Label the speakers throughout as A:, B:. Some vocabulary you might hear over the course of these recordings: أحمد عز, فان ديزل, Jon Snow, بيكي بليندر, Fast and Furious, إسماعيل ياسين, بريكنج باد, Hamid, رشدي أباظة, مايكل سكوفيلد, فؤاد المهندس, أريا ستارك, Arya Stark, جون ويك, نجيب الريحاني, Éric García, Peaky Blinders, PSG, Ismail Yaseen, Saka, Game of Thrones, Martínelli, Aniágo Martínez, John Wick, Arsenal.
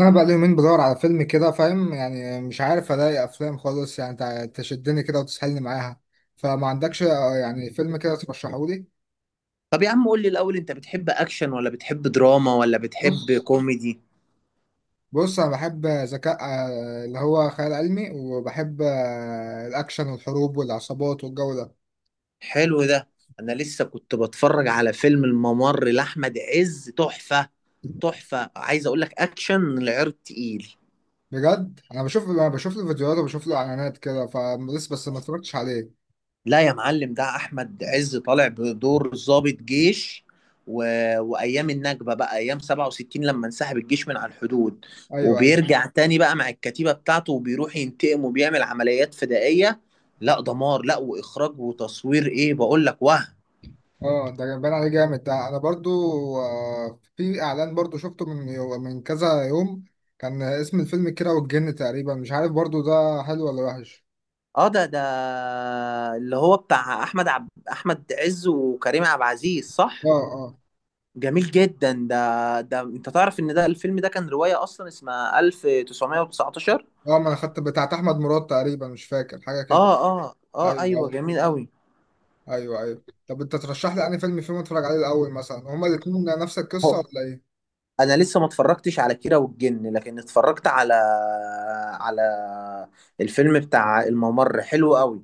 A: انا بقى لي يومين بدور على فيلم كده، فاهم يعني؟ مش عارف الاقي افلام خالص يعني تشدني كده وتسحلني معاها. فما عندكش يعني فيلم كده ترشحه لي.
B: طب يا عم قول لي الأول، أنت بتحب أكشن ولا بتحب دراما ولا بتحب
A: بص
B: كوميدي؟
A: بص انا بحب ذكاء، اللي هو خيال علمي، وبحب الاكشن والحروب والعصابات والجو ده.
B: حلو ده. أنا لسه كنت بتفرج على فيلم الممر لأحمد عز، تحفة. تحفة، عايز أقول لك أكشن، العرض تقيل.
A: بجد انا بشوف أنا بشوف له فيديوهات وبشوف له اعلانات كده، فلسه بس ما اتفرجتش عليه.
B: لا يا معلم، ده أحمد عز طالع بدور ضابط جيش و... وأيام النكبة بقى، أيام 67 لما انسحب الجيش من على الحدود،
A: ايوه، أيوه.
B: وبيرجع تاني بقى مع الكتيبة بتاعته، وبيروح ينتقم وبيعمل عمليات فدائية. لا دمار لا وإخراج وتصوير، إيه بقول لك، وهم.
A: اه ده باين عليه جامد، ده انا برضو في اعلان برضو شفته من كذا يوم. كان اسم الفيلم كيرة والجن تقريبا، مش عارف برضو ده حلو ولا وحش.
B: اه، ده اللي هو بتاع احمد عز وكريم عبد العزيز، صح؟
A: اه، اه.
B: جميل جدا. ده، انت تعرف ان ده الفيلم ده كان رواية اصلا، اسمها
A: اه
B: 1919؟
A: اه، ما انا خدت بتاعت احمد مراد تقريبا، مش فاكر حاجه
B: اه،
A: كده.
B: اه، اه،
A: ايوه،
B: ايوه،
A: ايوه.
B: جميل قوي.
A: ايوه، ايوه. طب انت ترشح لي انهي فيلم فيهم اتفرج عليه الاول؟ مثلا هما الاتنين نفس القصه
B: هو
A: ولا ايه؟
B: انا لسه ما اتفرجتش على كيرة والجن، لكن اتفرجت على الفيلم بتاع الممر، حلو قوي.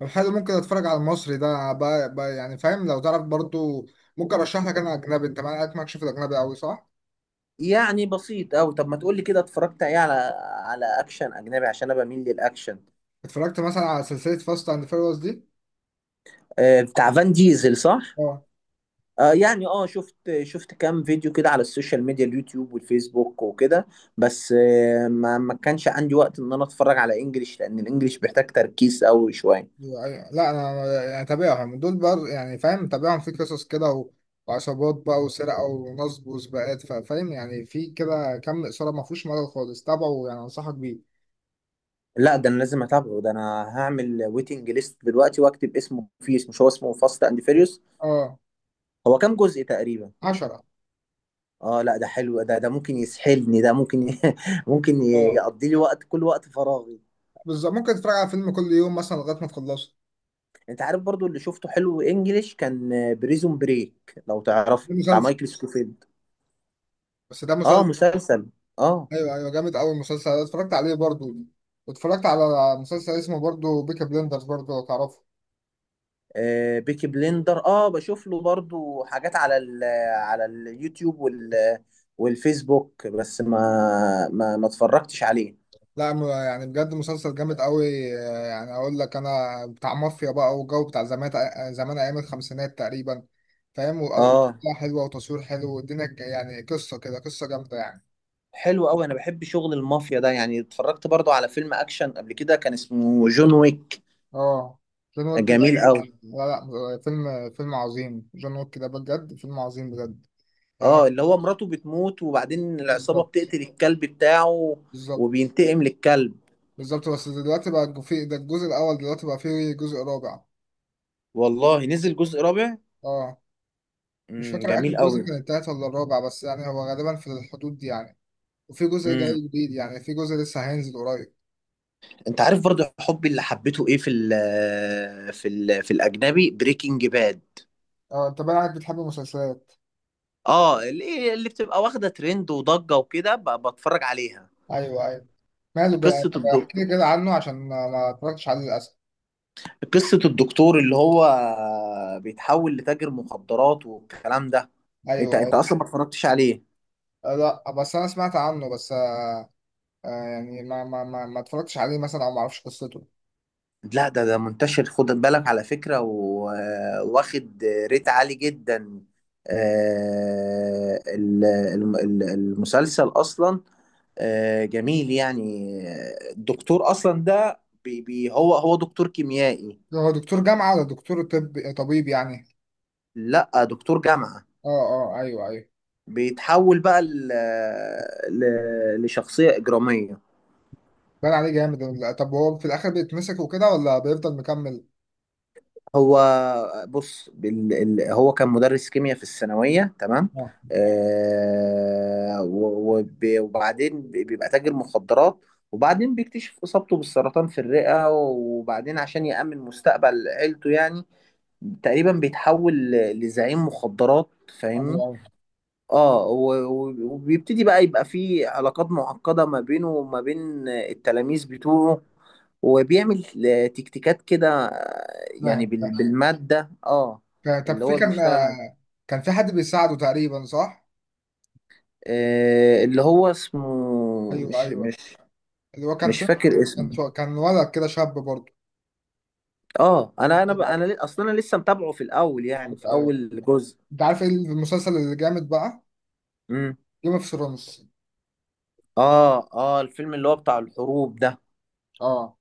A: طب حلو، ممكن اتفرج على المصري ده بقى، يعني فاهم لو تعرف برضو. ممكن ارشح لك انا اجنبي، انت معاك ماكش في الاجنبي قوي صح؟
B: يعني بسيط قوي. طب ما تقولي كده، اتفرجت ايه على اكشن اجنبي؟ عشان انا بميل للاكشن.
A: اتفرجت مثلا على سلسله فاست اند فيريوس دي.
B: بتاع فان ديزل صح؟
A: اه،
B: يعني شفت كام فيديو كده على السوشيال ميديا، اليوتيوب والفيسبوك وكده. بس ما كانش عندي وقت، ان انا اتفرج على انجليش، لان الانجليش بيحتاج تركيز قوي شويه.
A: أيوة. لا انا يعني تابعهم دول، بر يعني فاهم، تابعهم في قصص كده وعصابات بقى وسرقه ونصب وسباقات، فاهم يعني؟ في كده كم اثاره، ما فيهوش ملل خالص، تابعه، يعني انصحك بيه.
B: لا، ده انا لازم اتابعه. ده انا هعمل ويتنج ليست دلوقتي واكتب اسمه. فيس، مش هو اسمه فاست اند فيريوس؟
A: اه.
B: هو كام جزء تقريبا؟
A: عشرة.
B: اه لا، ده حلو. ده ممكن يسحلني. ده ممكن ممكن
A: اه
B: يقضي لي وقت، كل وقت فراغي.
A: بالظبط، ممكن تتفرج على فيلم كل يوم مثلا لغايه ما تخلصه.
B: انت عارف برضو اللي شفته حلو انجليش؟ كان بريزون بريك، لو
A: ده
B: تعرفه، بتاع
A: مسلسل.
B: مايكل سكوفيلد.
A: بس ده
B: اه،
A: مسلسل.
B: مسلسل، اه.
A: ايوه ايوه، جامد قوي المسلسل ده، اتفرجت عليه برضو. واتفرجت على مسلسل اسمه برضو بيكا بليندرز، برضو لو تعرفه.
B: بيكي بليندر، بشوف له برضو حاجات على على اليوتيوب والفيسبوك، بس ما اتفرجتش عليه.
A: لا م- يعني بجد مسلسل جامد قوي. يعني اقول لك انا بتاع مافيا بقى والجو بتاع زمان. زمان ايام الخمسينات تقريبا، فاهم؟ وقصة
B: اه،
A: حلوه، وتصوير حلو، يعني قصه كده، قصه جامده يعني.
B: حلو قوي. انا بحب شغل المافيا ده، يعني اتفرجت برضو على فيلم اكشن قبل كده، كان اسمه جون ويك.
A: اه. جون ويك ده؟
B: جميل قوي.
A: لا لا، فيلم فيلم عظيم، جون ويك ده بجد فيلم عظيم بجد يعني.
B: اه، اللي هو مراته بتموت، وبعدين العصابة
A: بالظبط.
B: بتقتل الكلب بتاعه.
A: بالظبط.
B: وبينتقم للكلب.
A: بالظبط، بس دلوقتي بقى في ده الجزء الاول، دلوقتي بقى فيه جزء رابع.
B: والله نزل جزء رابع؟
A: اه. مش فاكر اخر
B: جميل
A: جزء
B: قوي.
A: كان التالت ولا الرابع، بس يعني هو غالبا في الحدود دي يعني. وفي جزء جاي جديد، يعني في جزء لسه هينزل قريب.
B: انت عارف برضو حبي اللي حبيته ايه في الاجنبي؟ بريكنج باد.
A: اه انت بقى عارف بتحب المسلسلات.
B: اه، اللي بتبقى واخده ترند وضجه وكده، بتفرج عليها.
A: ايوه، ايوه. ماله بقى،
B: قصه
A: طب احكي لي
B: الدكتور
A: كده عنه عشان ما اتفرجتش عليه للاسف.
B: قصه الدكتور اللي هو بيتحول لتاجر مخدرات والكلام ده. انت
A: ايوه، ايوه.
B: انت اصلا ما اتفرجتش عليه؟
A: لا بس انا سمعت عنه بس آه. يعني ما اتفرجتش عليه مثلا، او ما اعرفش قصته.
B: لا، ده منتشر، خد بالك على فكره، واخد ريت عالي جدا. المسلسل اصلا. جميل يعني، الدكتور اصلا ده بي هو دكتور كيميائي.
A: هو دكتور جامعه ولا دكتور طب، طبيب يعني؟
B: لا، دكتور جامعة.
A: اه، اه، ايوه ايوه.
B: بيتحول بقى لشخصية إجرامية.
A: بان عليه جامد طب هو في الاخر بيتمسك وكده ولا بيفضل مكمل؟
B: هو بص، هو كان مدرس كيمياء في الثانوية، تمام.
A: اه،
B: وبعدين بيبقى تاجر مخدرات. وبعدين بيكتشف إصابته بالسرطان في الرئة، وبعدين عشان يأمن مستقبل عيلته يعني تقريبا بيتحول لزعيم مخدرات. فاهمني؟
A: ايوه ايوه.
B: اه، وبيبتدي بقى يبقى فيه علاقات معقدة، ما بينه وما بين التلاميذ بتوعه. وبيعمل تكتيكات كده، يعني
A: فاهم، فاهم.
B: بالمادة اه
A: طب
B: اللي
A: في
B: هو
A: كان
B: بيشتغل عليه.
A: كان في حد بيساعده تقريبا صح؟
B: اللي هو اسمه،
A: ايوه، ايوه. اللي هو
B: مش فاكر اسمه.
A: كان ولد كده، شاب برضه.
B: اه، انا
A: ايوه.
B: اصلا انا لسه متابعه في الاول، يعني
A: ايوه،
B: في
A: ايوه.
B: اول جزء.
A: انت عارف ايه المسلسل اللي جامد بقى؟
B: امم.
A: جيم اوف ثرونز.
B: اه، اه، الفيلم اللي هو بتاع الحروب ده؟
A: اه،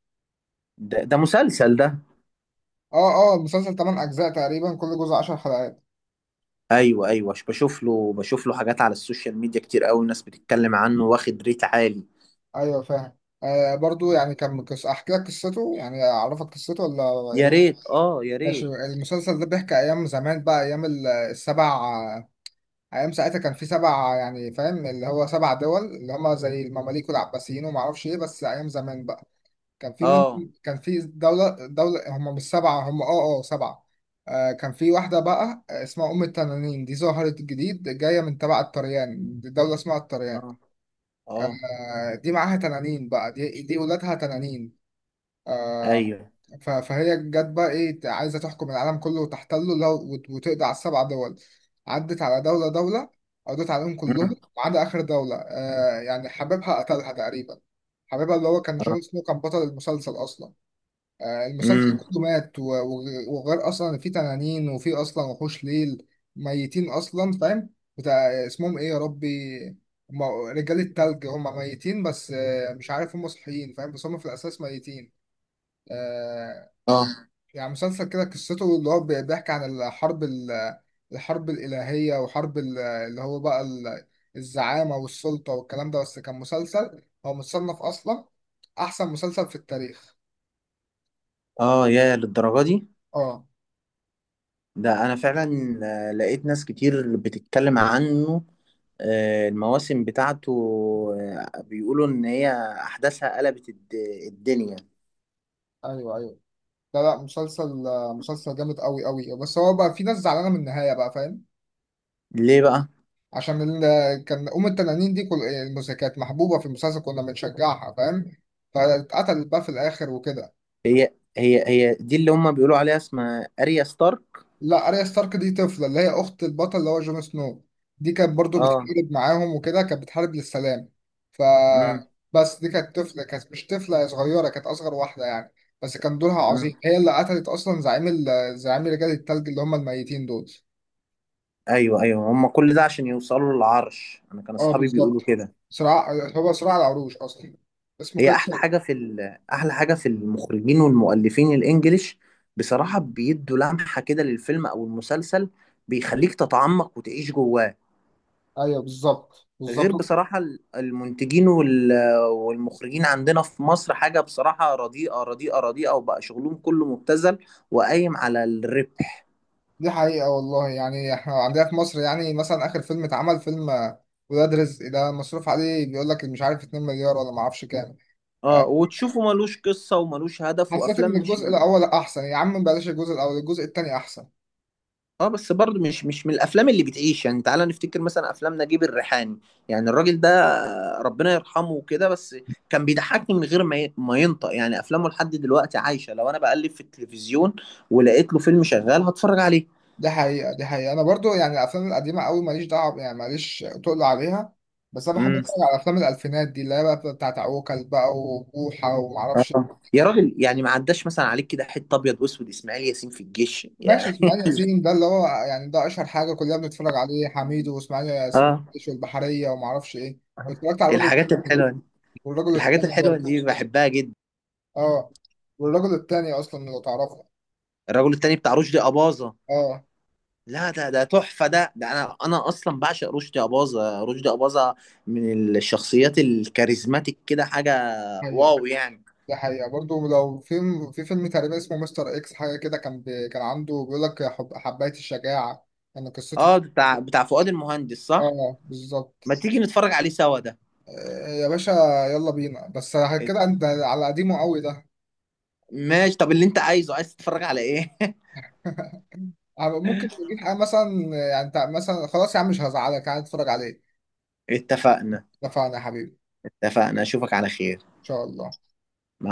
B: ده مسلسل ده؟
A: اه. اه، المسلسل 8 اجزاء تقريبا، كل جزء 10 حلقات.
B: ايوه، ايوه، بشوف له حاجات على السوشيال ميديا، كتير قوي الناس بتتكلم عنه، واخد ريت عالي.
A: ايوه، فاهم. آه برضه يعني احكي لك قصته يعني، اعرفك قصته ولا
B: يا
A: ايه؟
B: ريت، يا
A: ماشي.
B: ريت.
A: المسلسل ده بيحكي ايام زمان بقى، ايام السبع. ايام ساعتها كان في سبع يعني فاهم، اللي هو سبع دول اللي هم زي المماليك والعباسيين وما اعرفش ايه، بس ايام زمان بقى. كان في من،
B: اه،
A: كان في دولة، هم مش سبعة، هم سبعة. آه، كان في واحدة بقى اسمها أم التنانين، دي ظهرت جديد، جاية من تبع الطريان، دي دولة اسمها الطريان.
B: اه، اه،
A: آه، دي معاها تنانين بقى، دي ولادها تنانين. آه.
B: ايوه.
A: فهي جت بقى ايه، عايزة تحكم العالم كله وتحتله لو وتقضي على السبع دول. عدت على دولة دولة، قضت عليهم كلهم،
B: مم.
A: ما عدا آخر دولة. آه يعني حبيبها قتلها تقريبا، حبيبها اللي هو كان
B: اه.
A: جون سنو كان بطل المسلسل أصلا. المسلسل
B: مم.
A: كله مات وغير اصلا إن في تنانين وفي اصلا وحوش ليل، ميتين اصلا فاهم. بتاع اسمهم ايه يا ربي؟ هم رجال التلج، هم ميتين، بس مش عارف هم صحيين فاهم، بس هم في الاساس ميتين. آه،
B: اه،
A: يعني مسلسل كده قصته اللي هو بيحكي عن الحرب الحرب الالهيه وحرب اللي هو بقى الزعامه والسلطه والكلام ده، بس كان مسلسل هو متصنف اصلا احسن مسلسل في التاريخ.
B: اه، يا للدرجه دي؟
A: اه،
B: ده انا فعلا. لقيت ناس كتير بتتكلم عنه. المواسم بتاعته. بيقولوا ان هي احداثها قلبت الدنيا.
A: ايوه ايوه. لا لا، مسلسل مسلسل جامد قوي قوي، بس هو بقى في ناس زعلانه من النهايه بقى فاهم.
B: ليه بقى؟
A: عشان ال... كان ام التنانين دي كانت محبوبه في المسلسل، كنا بنشجعها فاهم، فاتقتلت بقى في الاخر وكده.
B: هي دي اللي هم بيقولوا عليها اسمها اريا ستارك؟
A: لا، اريا ستارك دي طفله، اللي هي اخت البطل اللي هو جون سنو. دي كانت برضو
B: اه.
A: بتحارب معاهم وكده، كانت بتحارب للسلام. ف، بس دي كانت طفله، كانت مش طفله، هي صغيره، كانت اصغر واحده يعني، بس كان دورها
B: مم.
A: عظيم. هي اللي قتلت اصلا زعيم ال... زعيم رجال التلج اللي هم الميتين دول.
B: ايوه، ايوه، هم كل ده عشان يوصلوا للعرش، انا كان
A: اه
B: اصحابي
A: بالظبط.
B: بيقولوا كده.
A: صراع، هو صراع العروش اصلا اسمه
B: هي
A: كده.
B: احلى حاجه احلى حاجه في المخرجين والمؤلفين الانجليش، بصراحه بيدوا لمحه كده للفيلم او المسلسل، بيخليك تتعمق وتعيش جواه.
A: ايوه، بالظبط،
B: غير
A: بالظبط.
B: بصراحه المنتجين والمخرجين عندنا في مصر حاجه بصراحه رديئه، رديئه، رديئه. وبقى شغلهم كله مبتذل وقايم على الربح.
A: دي حقيقة والله، يعني احنا عندنا في مصر يعني مثلا اخر فيلم اتعمل فيلم ولاد رزق ده، مصروف عليه بيقول لك مش عارف 2 مليار ولا ما اعرفش كام. آه،
B: اه، وتشوفه ملوش قصه وملوش هدف،
A: حسيت
B: وافلام
A: ان
B: مش
A: الجزء الاول احسن، يا عم بلاش الجزء الاول، الجزء التاني احسن.
B: اه، بس برضه مش من الافلام اللي بتعيش. يعني تعالى نفتكر مثلا افلام نجيب الريحاني، يعني الراجل ده ربنا يرحمه وكده، بس كان بيضحكني من غير ما ينطق. يعني افلامه لحد دلوقتي عايشه، لو انا بقلب في التلفزيون ولقيت له فيلم شغال هتفرج عليه.
A: دي حقيقة، دي حقيقة، انا برضو يعني الافلام القديمة قوي ماليش دعوة يعني، ماليش تقل عليها، بس انا بحب
B: امم.
A: اتفرج على افلام الالفينات دي، اللي هي بقى بتاعت عوكل بقى وبوحة ومعرفش.
B: اه، يا راجل يعني، ما عداش مثلا عليك كده حته ابيض واسود، اسماعيل ياسين في الجيش
A: ماشي.
B: يعني.
A: اسماعيل ياسين ده اللي هو يعني ده اشهر حاجه، كلنا بنتفرج عليه، حميد واسماعيل ياسين
B: اه.
A: فتش والبحريه وما اعرفش ايه. واتفرجت على
B: الحاجات
A: الرجل
B: الحلوه دي،
A: والرجل
B: الحاجات
A: التاني
B: الحلوه
A: برضه.
B: دي بحبها جدا.
A: اه. والرجل التاني اصلا لو تعرفه.
B: الرجل التاني بتاع رشدي اباظه.
A: اه.
B: لا، ده تحفة. ده أنا أصلا بعشق رشدي أباظة، رشدي أباظة. من الشخصيات الكاريزماتيك كده حاجة،
A: هي.
B: واو يعني.
A: ده حقيقه برضه. لو في في فيلم تقريبا اسمه مستر اكس حاجه كده، كان بي... كان عنده بيقول لك حب... حبايه الشجاعه، يعني قصته.
B: أه، بتاع فؤاد المهندس صح؟
A: اه بالظبط.
B: ما تيجي نتفرج عليه سوا ده.
A: يا باشا، يلا بينا بس. كده
B: ات-
A: انت على قديمه قوي ده.
B: ماشي. طب اللي أنت عايز تتفرج على إيه؟
A: ممكن نجيب حاجة مثلا، يعني انت مثلا خلاص يا عم مش هزعلك قاعد اتفرج عليه.
B: اتفقنا.
A: اتفقنا يا حبيبي.
B: اتفقنا، أشوفك على خير.
A: ان شاء الله.
B: مع